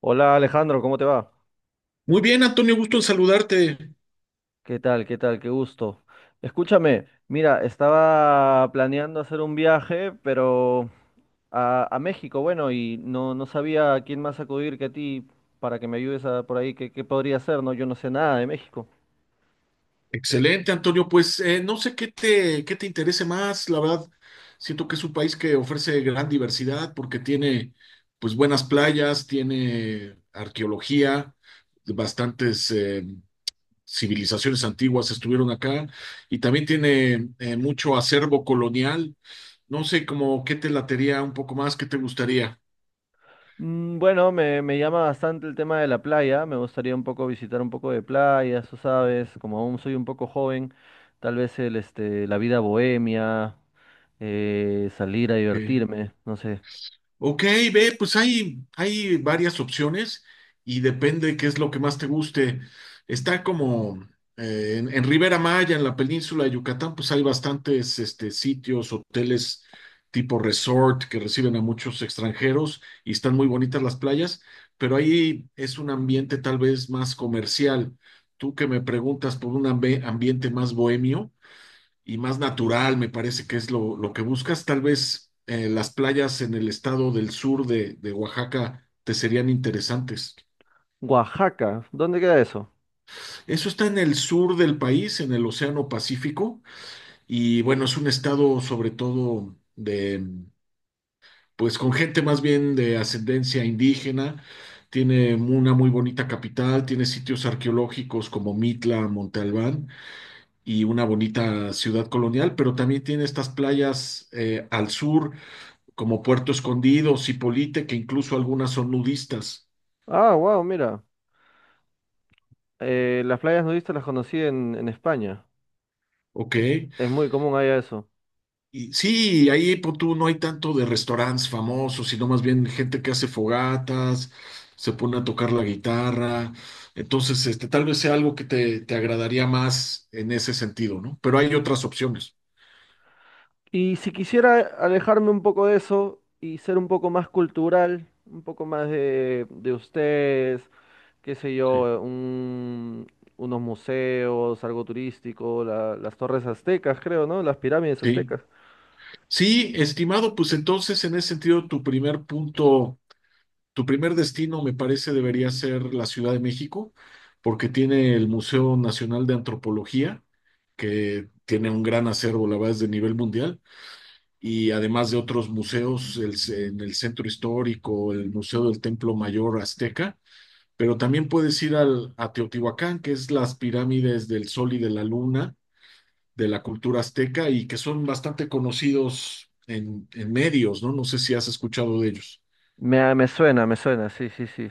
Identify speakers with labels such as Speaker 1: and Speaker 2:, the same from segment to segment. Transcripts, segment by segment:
Speaker 1: Hola Alejandro, ¿cómo te va?
Speaker 2: Muy bien, Antonio, gusto en saludarte.
Speaker 1: ¿Qué tal? ¿Qué tal? Qué gusto. Escúchame, mira, estaba planeando hacer un viaje, pero a México, bueno, y no, no sabía a quién más acudir que a ti para que me ayudes, a, por ahí, qué podría hacer, ¿no? Yo no sé nada de México.
Speaker 2: Excelente, Antonio. Pues no sé qué te interese más, la verdad. Siento que es un país que ofrece gran diversidad porque tiene pues buenas playas, tiene arqueología, bastantes civilizaciones antiguas estuvieron acá y también tiene mucho acervo colonial. No sé, como qué te latería un poco más, qué te gustaría.
Speaker 1: Mm, bueno, me llama bastante el tema de la playa, me gustaría un poco visitar un poco de playa, tú sabes, como aún soy un poco joven, tal vez la vida bohemia, salir a
Speaker 2: Ok.
Speaker 1: divertirme, no sé.
Speaker 2: Ok, ve, pues hay varias opciones y depende qué es lo que más te guste. Está como en Ribera Maya, en la península de Yucatán, pues hay bastantes sitios, hoteles tipo resort que reciben a muchos extranjeros y están muy bonitas las playas, pero ahí es un ambiente tal vez más comercial. Tú que me preguntas por un ambiente más bohemio y más natural, me parece que es lo que buscas. Tal vez las playas en el estado del sur de Oaxaca te serían interesantes.
Speaker 1: Oaxaca, ¿dónde queda eso?
Speaker 2: Eso está en el sur del país, en el Océano Pacífico, y bueno, es un estado sobre todo pues con gente más bien de ascendencia indígena. Tiene una muy bonita capital, tiene sitios arqueológicos como Mitla, Monte Albán y una bonita ciudad colonial, pero también tiene estas playas al sur como Puerto Escondido, Cipolite, que incluso algunas son nudistas.
Speaker 1: Ah, wow, mira. Eh, las playas nudistas las conocí en España.
Speaker 2: Ok.
Speaker 1: Es muy común allá eso.
Speaker 2: Y sí, ahí pues, tú no hay tanto de restaurantes famosos, sino más bien gente que hace fogatas, se pone a tocar la guitarra. Entonces, tal vez sea algo que te agradaría más en ese sentido, ¿no? Pero hay otras opciones.
Speaker 1: Y si quisiera alejarme un poco de eso y ser un poco más cultural, un poco más de ustedes, qué sé
Speaker 2: Sí,
Speaker 1: yo, unos museos, algo turístico, las torres aztecas, creo, ¿no? Las pirámides
Speaker 2: Sí,
Speaker 1: aztecas.
Speaker 2: Sí, estimado, pues entonces en ese sentido Tu primer destino, me parece, debería ser la Ciudad de México, porque tiene el Museo Nacional de Antropología, que tiene un gran acervo, la verdad, es de nivel mundial, y además de otros museos en el Centro Histórico, el Museo del Templo Mayor Azteca, pero también puedes ir a Teotihuacán, que es las pirámides del Sol y de la Luna de la cultura azteca y que son bastante conocidos en medios, ¿no? No sé si has escuchado de ellos.
Speaker 1: Me suena, me suena, sí, sí, sí.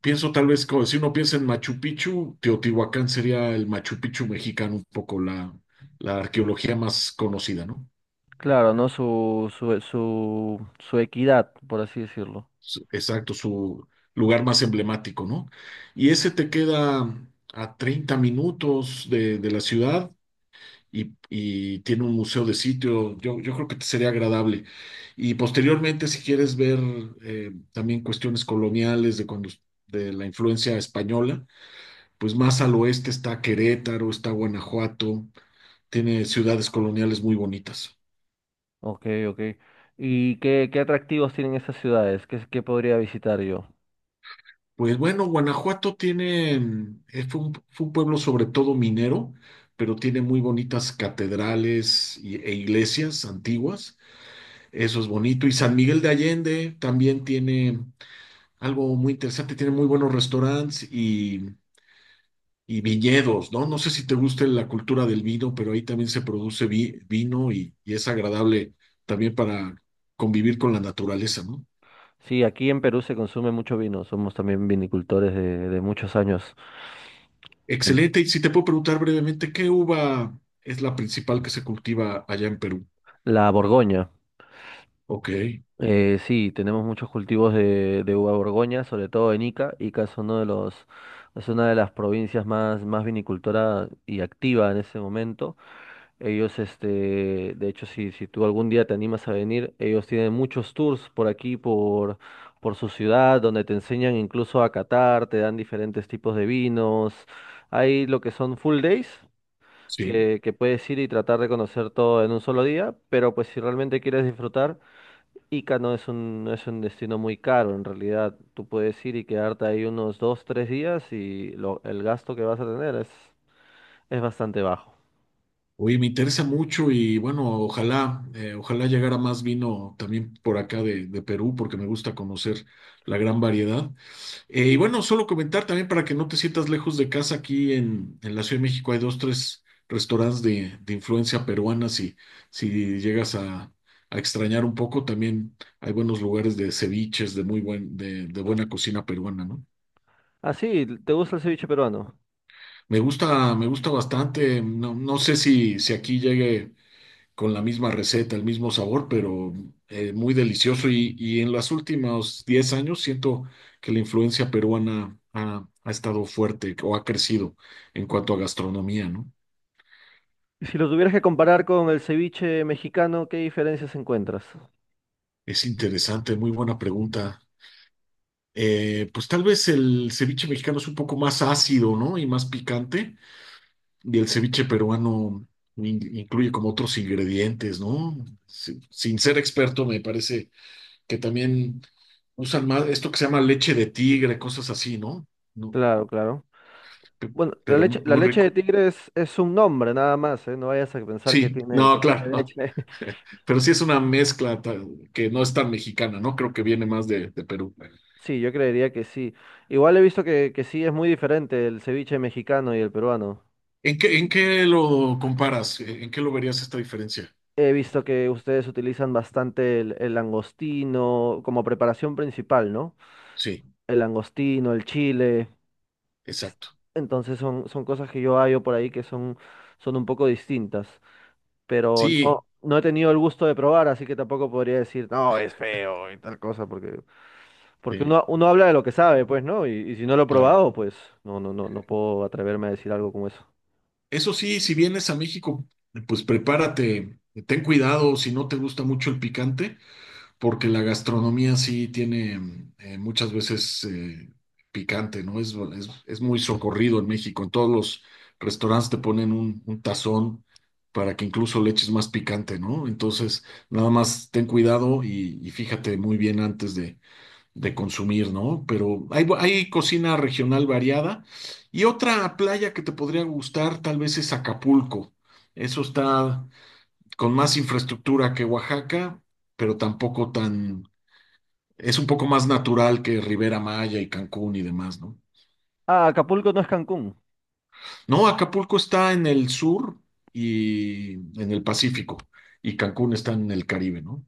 Speaker 2: Pienso tal vez, si uno piensa en Machu Picchu, Teotihuacán sería el Machu Picchu mexicano, un poco la arqueología más conocida, ¿no?
Speaker 1: Claro, ¿no? Su equidad, por así decirlo.
Speaker 2: Exacto, su lugar más emblemático, ¿no? Y ese te queda a 30 minutos de la ciudad y tiene un museo de sitio, yo creo que te sería agradable. Y posteriormente, si quieres ver también cuestiones coloniales de la influencia española pues más al oeste está Querétaro, está Guanajuato, tiene ciudades coloniales muy bonitas.
Speaker 1: Ok, ok. ¿Y qué atractivos tienen esas ciudades? ¿Qué podría visitar yo?
Speaker 2: Pues bueno, Guanajuato tiene, mm, fue un pueblo sobre todo minero, pero tiene muy bonitas catedrales e iglesias antiguas, eso es bonito. Y San Miguel de Allende también tiene algo muy interesante, tiene muy buenos restaurantes y viñedos, ¿no? No sé si te gusta la cultura del vino, pero ahí también se produce vino y es agradable también para convivir con la naturaleza, ¿no?
Speaker 1: Sí, aquí en Perú se consume mucho vino. Somos también vinicultores de muchos años. En
Speaker 2: Excelente. Y si te puedo preguntar brevemente, ¿qué uva es la principal que se cultiva allá en Perú?
Speaker 1: la Borgoña.
Speaker 2: Ok,
Speaker 1: Sí, tenemos muchos cultivos de uva Borgoña, sobre todo en Ica. Ica es uno de los, es una de las provincias más, más vinicultora y activa en ese momento. Ellos, este, de hecho, si tú algún día te animas a venir, ellos tienen muchos tours por aquí, por su ciudad, donde te enseñan incluso a catar, te dan diferentes tipos de vinos. Hay lo que son full days,
Speaker 2: sí.
Speaker 1: que puedes ir y tratar de conocer todo en un solo día, pero pues si realmente quieres disfrutar, Ica no es un, no es un destino muy caro, en realidad. Tú puedes ir y quedarte ahí unos dos, tres días y el gasto que vas a tener es bastante bajo.
Speaker 2: Oye, me interesa mucho y bueno, ojalá llegara más vino también por acá de Perú, porque me gusta conocer la gran variedad. Y bueno, solo comentar también para que no te sientas lejos de casa, aquí en la Ciudad de México hay dos, tres restaurantes de influencia peruana, si llegas a extrañar un poco, también hay buenos lugares de ceviches, de buena cocina peruana, ¿no?
Speaker 1: Ah, sí, ¿te gusta el ceviche peruano?
Speaker 2: Me gusta bastante, no, no sé si aquí llegue con la misma receta, el mismo sabor, pero muy delicioso. Y en los últimos 10 años siento que la influencia peruana ha estado fuerte o ha crecido en cuanto a gastronomía, ¿no?
Speaker 1: Y si lo tuvieras que comparar con el ceviche mexicano, ¿qué diferencias encuentras?
Speaker 2: Es interesante, muy buena pregunta. Pues tal vez el ceviche mexicano es un poco más ácido, ¿no? Y más picante. Y el ceviche peruano incluye como otros ingredientes, ¿no? Sin ser experto, me parece que también usan más esto que se llama leche de tigre, cosas así, ¿no? No,
Speaker 1: Claro, claro.
Speaker 2: pe-
Speaker 1: Bueno, la
Speaker 2: pero
Speaker 1: leche, la
Speaker 2: muy
Speaker 1: leche de
Speaker 2: rico.
Speaker 1: tigre es un nombre nada más, ¿eh? No vayas a pensar
Speaker 2: Sí, no,
Speaker 1: que
Speaker 2: claro,
Speaker 1: tiene
Speaker 2: no.
Speaker 1: leche.
Speaker 2: Pero sí es una mezcla que no es tan mexicana, ¿no? Creo que viene más de Perú.
Speaker 1: Sí, yo creería que sí. Igual he visto que sí es muy diferente el ceviche mexicano y el peruano.
Speaker 2: ¿En qué lo comparas? ¿En qué lo verías esta diferencia?
Speaker 1: He visto que ustedes utilizan bastante el langostino como preparación principal, ¿no?
Speaker 2: Sí,
Speaker 1: El langostino, el chile. es-
Speaker 2: exacto.
Speaker 1: Entonces son, son cosas que yo hallo por ahí que son, son un poco distintas. Pero
Speaker 2: Sí,
Speaker 1: no, no he tenido el gusto de probar, así que tampoco podría decir, no, es feo y tal cosa, porque, porque
Speaker 2: sí,
Speaker 1: uno, uno habla de lo que sabe, pues, ¿no? Y si no lo he
Speaker 2: claro.
Speaker 1: probado, pues no, no, no, no puedo atreverme a decir algo como eso.
Speaker 2: Eso sí, si vienes a México, pues prepárate, ten cuidado si no te gusta mucho el picante, porque la gastronomía sí tiene muchas veces picante, ¿no? Es muy socorrido en México. En todos los restaurantes te ponen un tazón para que incluso le eches más picante, ¿no? Entonces, nada más ten cuidado y fíjate muy bien antes de consumir, ¿no? Pero hay cocina regional variada. Y otra playa que te podría gustar tal vez es Acapulco. Eso está con más infraestructura que Oaxaca, pero tampoco tan, es un poco más natural que Rivera Maya y Cancún y demás, ¿no?
Speaker 1: Ah, Acapulco no es Cancún.
Speaker 2: No, Acapulco está en el sur y en el Pacífico, y Cancún está en el Caribe, ¿no?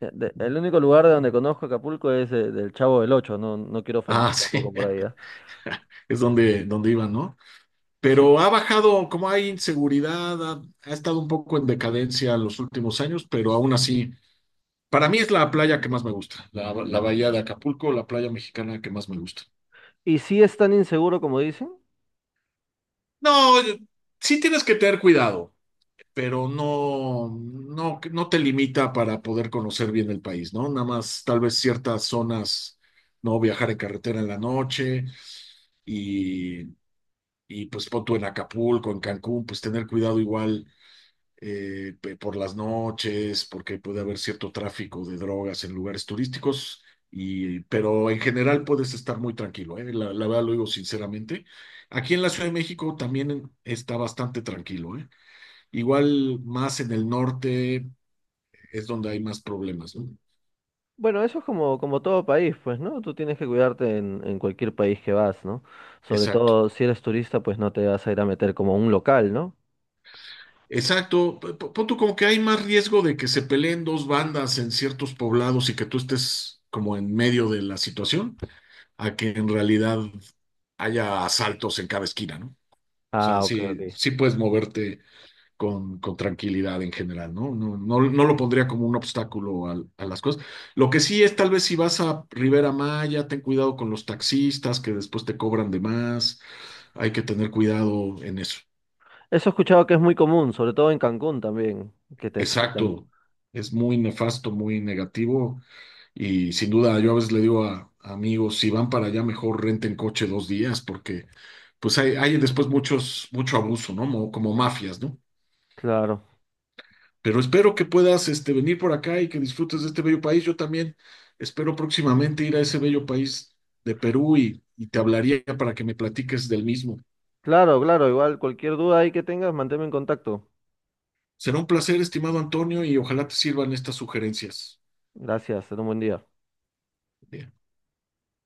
Speaker 1: El único lugar de donde conozco Acapulco es, del Chavo del Ocho, no, no quiero ofender
Speaker 2: Ah, sí,
Speaker 1: tampoco por ahí, ¿ah?
Speaker 2: es donde iban, ¿no?
Speaker 1: Sí.
Speaker 2: Pero ha bajado, como hay inseguridad, ha estado un poco en decadencia los últimos años, pero aún así, para mí es la playa que más me gusta, la bahía de Acapulco, la playa mexicana que más me gusta.
Speaker 1: ¿Y si es tan inseguro como dicen?
Speaker 2: No, sí tienes que tener cuidado, pero no, no, no te limita para poder conocer bien el país, ¿no? Nada más tal vez ciertas zonas, no viajar en carretera en la noche y, y pues pon tú en Acapulco, en Cancún, pues tener cuidado igual por las noches, porque puede haber cierto tráfico de drogas en lugares turísticos. Y, pero en general puedes estar muy tranquilo, ¿eh? La verdad lo digo sinceramente. Aquí en la Ciudad de México también está bastante tranquilo, ¿eh? Igual más en el norte es donde hay más problemas, ¿no?
Speaker 1: Bueno, eso es como, como todo país, pues, ¿no? Tú tienes que cuidarte en cualquier país que vas, ¿no? Sobre
Speaker 2: Exacto.
Speaker 1: todo si eres turista, pues no te vas a ir a meter como a un local, ¿no?
Speaker 2: Exacto. Pon tú como que hay más riesgo de que se peleen dos bandas en ciertos poblados y que tú estés como en medio de la situación, a que en realidad haya asaltos en cada esquina, ¿no? O sea,
Speaker 1: Ah, ok, ok.
Speaker 2: sí puedes moverte con tranquilidad en general, ¿no? No, no, no lo pondría como un obstáculo a, las cosas. Lo que sí es, tal vez si vas a Rivera Maya, ten cuidado con los taxistas que después te cobran de más. Hay que tener cuidado en eso.
Speaker 1: Eso he escuchado que es muy común, sobre todo en Cancún también, que te saltan.
Speaker 2: Exacto. Es muy nefasto, muy negativo. Y sin duda, yo a veces le digo a amigos, si van para allá, mejor renten coche 2 días, porque pues hay después mucho abuso, ¿no? Como mafias, ¿no?
Speaker 1: Claro,
Speaker 2: Pero espero que puedas venir por acá y que disfrutes de este bello país. Yo también espero próximamente ir a ese bello país de Perú y te hablaría para que me platiques del mismo.
Speaker 1: claro, claro. Igual cualquier duda ahí que tengas, manténme en contacto.
Speaker 2: Será un placer, estimado Antonio, y ojalá te sirvan estas sugerencias.
Speaker 1: Gracias, ten un buen día.